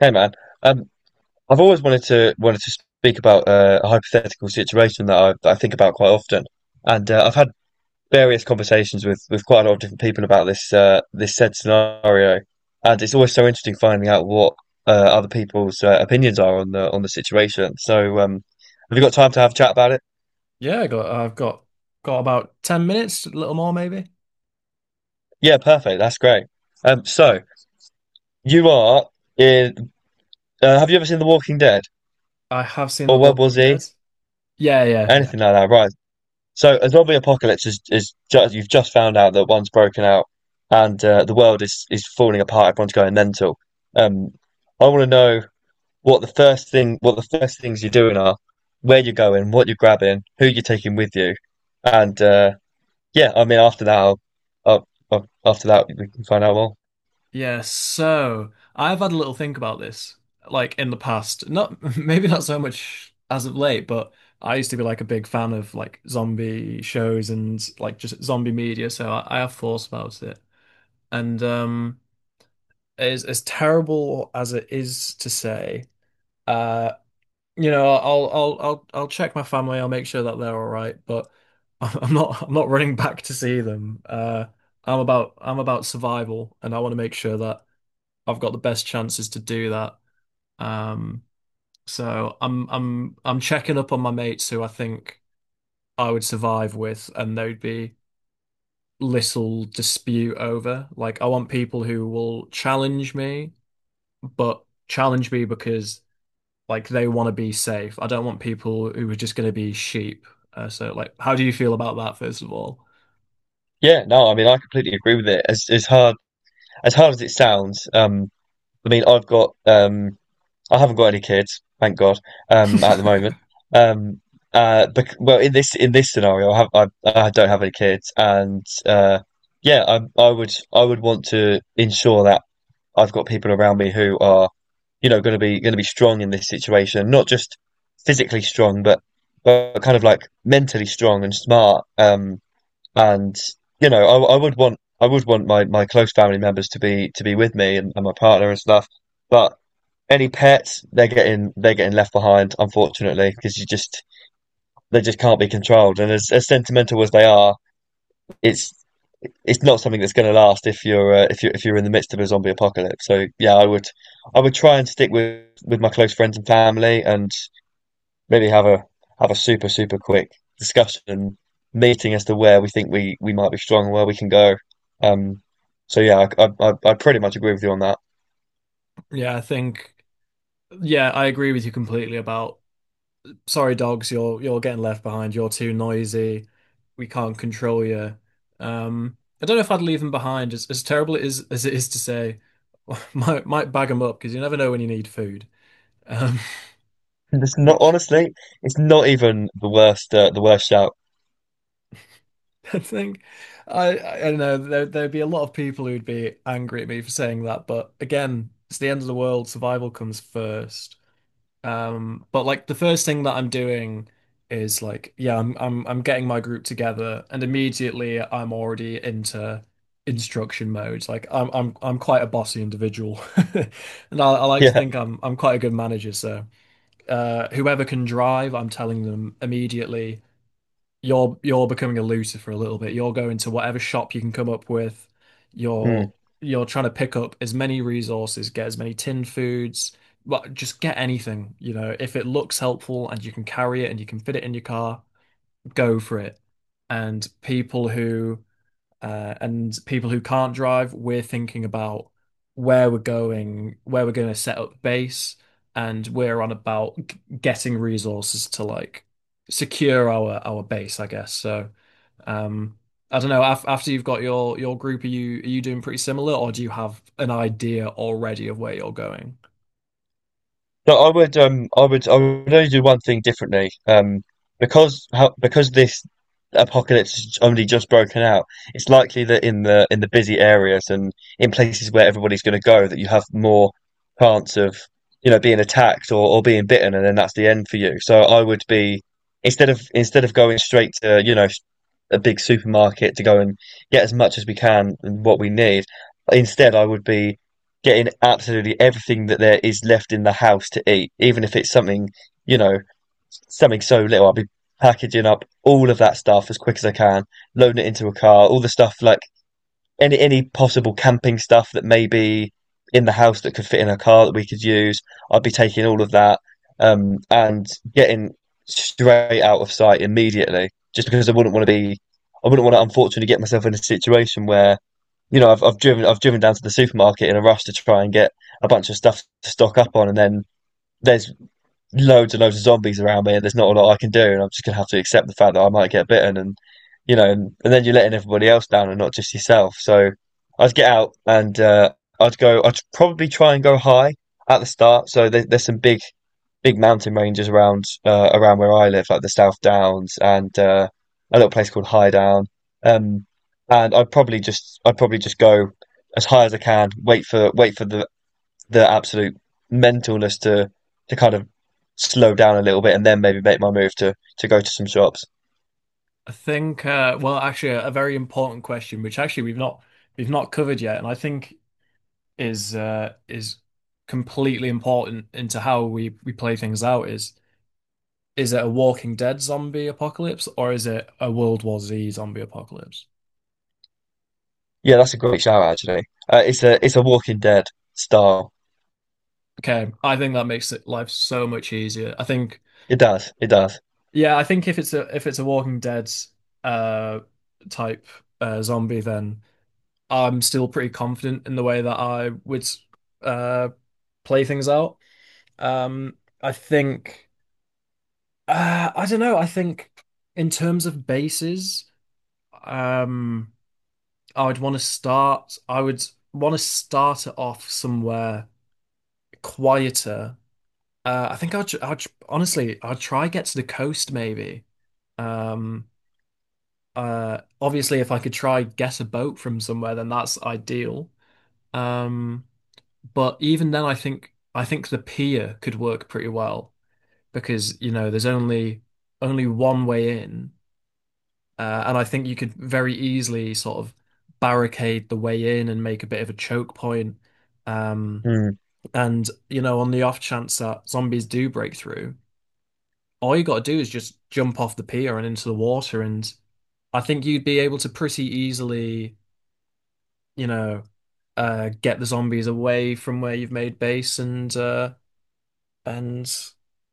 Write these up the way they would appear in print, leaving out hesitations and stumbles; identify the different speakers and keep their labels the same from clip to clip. Speaker 1: Hey man, um, I've always wanted to speak about a hypothetical situation that that I think about quite often, and I've had various conversations with quite a lot of different people about this said scenario, and it's always so interesting finding out what other people's opinions are on the situation. So, have you got time to have a chat about it?
Speaker 2: Yeah, I got I've got about 10 minutes, a little more maybe.
Speaker 1: Yeah, perfect. That's great. So you are in. Have you ever seen The Walking Dead
Speaker 2: I have seen The
Speaker 1: or World War
Speaker 2: Walking Dead.
Speaker 1: Z?
Speaker 2: Yeah, yeah, yeah.
Speaker 1: Anything like that, right? So a zombie apocalypse is just you've just found out that one's broken out and the world is falling apart. Everyone's going mental. Um, I want to know what the first thing what the first things you're doing are, where you're going, what you're grabbing, who you're taking with you, and yeah, I mean after that, after that we can find out more.
Speaker 2: Yeah, so I've had a little think about this, like in the past. Not maybe not so much as of late, but I used to be like a big fan of like zombie shows and like just zombie media, so I have thoughts about it. And As terrible as it is to say, uh you know, I'll check my family. I'll make sure that they're all right, but I'm not running back to see them. I'm about survival, and I want to make sure that I've got the best chances to do that. Um, so I'm checking up on my mates who I think I would survive with, and there'd be little dispute over. Like I want people who will challenge me, but challenge me because. Like they want to be safe. I don't want people who are just going to be sheep. So, like, how do you feel about that, first of all?
Speaker 1: Yeah, no, I mean I completely agree with it. As hard as it sounds, I mean I've got I haven't got any kids, thank God, at the moment. Um, bec well, in this scenario, I don't have any kids, and yeah, I would want to ensure that I've got people around me who are you know going to be strong in this situation, not just physically strong, but kind of like mentally strong and smart. And you know, I would want my close family members to be with me and my partner and stuff, but. Any pets, they're getting left behind, unfortunately, because you just they just can't be controlled. And as sentimental as they are, it's it's not something that's going to last if you're if you are if you're in the midst of a zombie apocalypse. So yeah, I would try and stick with my close friends and family, and maybe have a super super quick discussion meeting as to where we think we might be strong and where we can go. Um, so yeah, I pretty much agree with you on that.
Speaker 2: Yeah, I think, yeah, I agree with you completely about sorry, dogs, you're getting left behind. You're too noisy. We can't control you. Um, I don't know if I'd leave them behind. As terrible it is as it is to say, might bag them up because you never know when you need food. Um,
Speaker 1: It's not
Speaker 2: which
Speaker 1: honestly, it's not even the worst shout.
Speaker 2: I think I don't know there'd be a lot of people who'd be angry at me for saying that, but again, it's the end of the world. Survival comes first. But like the first thing that I'm doing is like, yeah, I'm getting my group together, and immediately I'm already into instruction mode. Like I'm quite a bossy individual, and I like to
Speaker 1: Yeah.
Speaker 2: think I'm quite a good manager. So whoever can drive, I'm telling them immediately you're becoming a looter for a little bit. You're going to whatever shop you can come up with. You're
Speaker 1: Mm.
Speaker 2: you're trying to pick up as many resources, get as many tin foods, but just get anything, you know. If it looks helpful and you can carry it and you can fit it in your car, go for it. And people who and people who can't drive, we're thinking about where we're going to set up base, and we're on about getting resources to like secure our base, I guess. So, um, I don't know. Af After you've got your group, are you doing pretty similar, or do you have an idea already of where you're going?
Speaker 1: No, I would I would only do one thing differently. Because how because this apocalypse has only just broken out, it's likely that in the busy areas and in places where everybody's gonna go that you have more chance of, you know, being attacked or being bitten and then that's the end for you. So I would be instead of going straight to, you know, a big supermarket to go and get as much as we can and what we need. Instead, I would be getting absolutely everything that there is left in the house to eat, even if it's something, you know, something so little. I'd be packaging up all of that stuff as quick as I can, loading it into a car, all the stuff like any possible camping stuff that may be in the house that could fit in a car that we could use. I'd be taking all of that and getting straight out of sight immediately, just because I wouldn't want to be, I wouldn't want to unfortunately get myself in a situation where you know I've driven down to the supermarket in a rush to try and get a bunch of stuff to stock up on, and then there's loads and loads of zombies around me and there's not a lot I can do and I'm just gonna have to accept the fact that I might get bitten and you know and then you're letting everybody else down and not just yourself. So I'd get out and I'd probably try and go high at the start. So there's some big big mountain ranges around around where I live, like the South Downs and a little place called High Down. Um, and I'd probably just go as high as I can, wait for the absolute mentalness to kind of slow down a little bit and then maybe make my move to go to some shops.
Speaker 2: I think, well, actually, a very important question, which actually we've not covered yet, and I think is completely important into how we play things out is it a Walking Dead zombie apocalypse or is it a World War Z zombie apocalypse?
Speaker 1: Yeah, that's a great shout actually. It's a Walking Dead style.
Speaker 2: Okay, I think that makes it life so much easier. I think
Speaker 1: It does. It does.
Speaker 2: yeah, I think if it's a Walking Dead uh type zombie then I'm still pretty confident in the way that I would uh play things out. Um I think I don't know, I think in terms of bases. Um, I would want to start. I would want to start it off somewhere quieter. I think I'd honestly, I'd try get to the coast maybe. Um, obviously, if I could try get a boat from somewhere, then that's ideal. Um, but even then, I think the pier could work pretty well because you know there's only one way in. And I think you could very easily sort of barricade the way in and make a bit of a choke point. Um,
Speaker 1: Mm.
Speaker 2: and, you know, on the off chance that zombies do break through, all you got to do is just jump off the pier and into the water. And I think you'd be able to pretty easily, you know, get the zombies away from where you've made base and and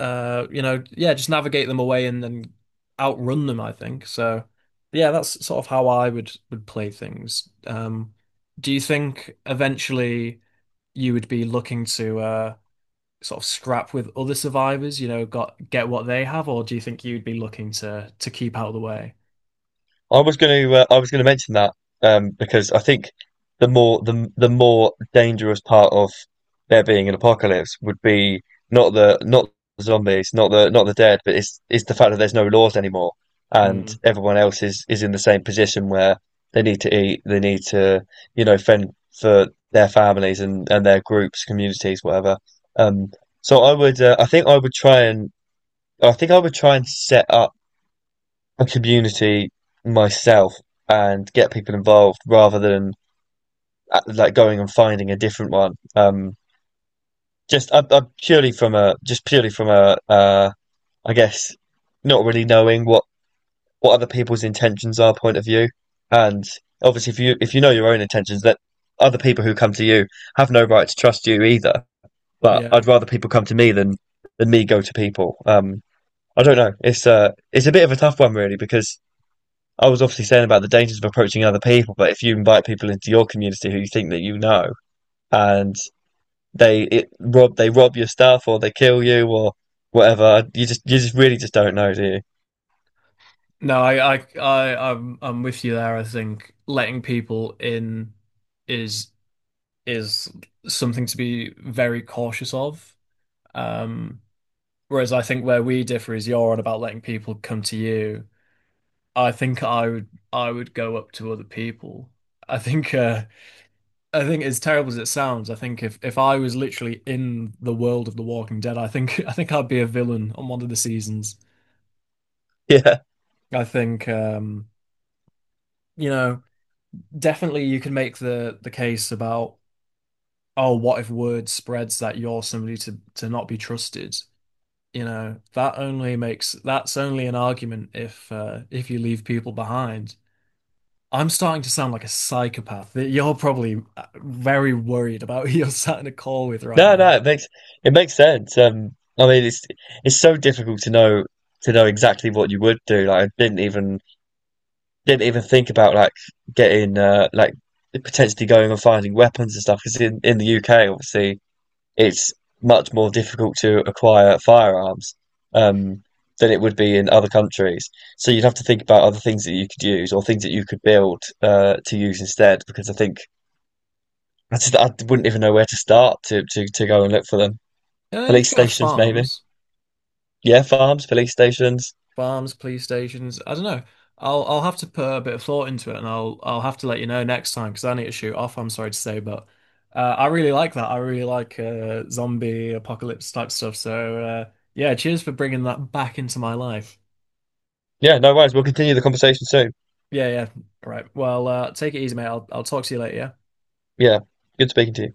Speaker 2: you know, yeah, just navigate them away and then outrun them, I think. So yeah, that's sort of how I would play things. Do you think eventually you would be looking to sort of scrap with other survivors, you know, got get what they have, or do you think you'd be looking to keep out of the way?
Speaker 1: I was going to I was going to mention that because I think the more the more dangerous part of there being an apocalypse would be not the not the zombies, not the not the dead, but it's the fact that there's no laws anymore and
Speaker 2: Mm,
Speaker 1: everyone else is in the same position where they need to eat, they need to you know fend for their families and their groups, communities, whatever. Um, so I would I think I would try and set up a community myself and get people involved rather than like going and finding a different one. Just I purely from a I guess not really knowing what other people's intentions are point of view, and obviously if you know your own intentions, that other people who come to you have no right to trust you either. But
Speaker 2: yeah.
Speaker 1: I'd rather people come to me than me go to people. I don't know. It's a bit of a tough one really because I was obviously saying about the dangers of approaching other people, but if you invite people into your community who you think that you know, and they rob your stuff or they kill you or whatever, you just really just don't know, do you?
Speaker 2: No, I'm with you there. I think letting people in is is something to be very cautious of. Um, Whereas I think where we differ is you're on about letting people come to you. I think I would go up to other people. I think uh, I think as terrible as it sounds, I think if I was literally in the world of The Walking Dead, I think I think I'd be a villain on one of the seasons.
Speaker 1: Yeah.
Speaker 2: I think you know definitely you can make the case about oh what if word spreads that you're somebody to not be trusted you know, that only makes that's only an argument if you leave people behind. I'm starting to sound like a psychopath that you're probably very worried about who you're sat in a call with right
Speaker 1: No,
Speaker 2: now.
Speaker 1: no, it makes sense. I mean, it's so difficult to know exactly what you would do. Like, I didn't even think about like getting like potentially going and finding weapons and stuff because in the UK, obviously it's much more difficult to acquire firearms um, than it would be in other countries. So you'd have to think about other things that you could use or things that you could build to use instead, because I think I just I wouldn't even know where to start to go and look for them.
Speaker 2: You know, you
Speaker 1: Police
Speaker 2: could go to
Speaker 1: stations, maybe.
Speaker 2: farms,
Speaker 1: Yeah, farms, police stations.
Speaker 2: farms, police stations. I don't know. I'll have to put a bit of thought into it, and I'll have to let you know next time because I need to shoot off. I'm sorry to say, but I really like that. I really like zombie apocalypse type stuff. So yeah, cheers for bringing that back into my life.
Speaker 1: Yeah, no worries. We'll continue the conversation soon.
Speaker 2: Yeah, yeah. All right. Well, take it easy, mate. I'll talk to you later, yeah?
Speaker 1: Yeah, good speaking to you.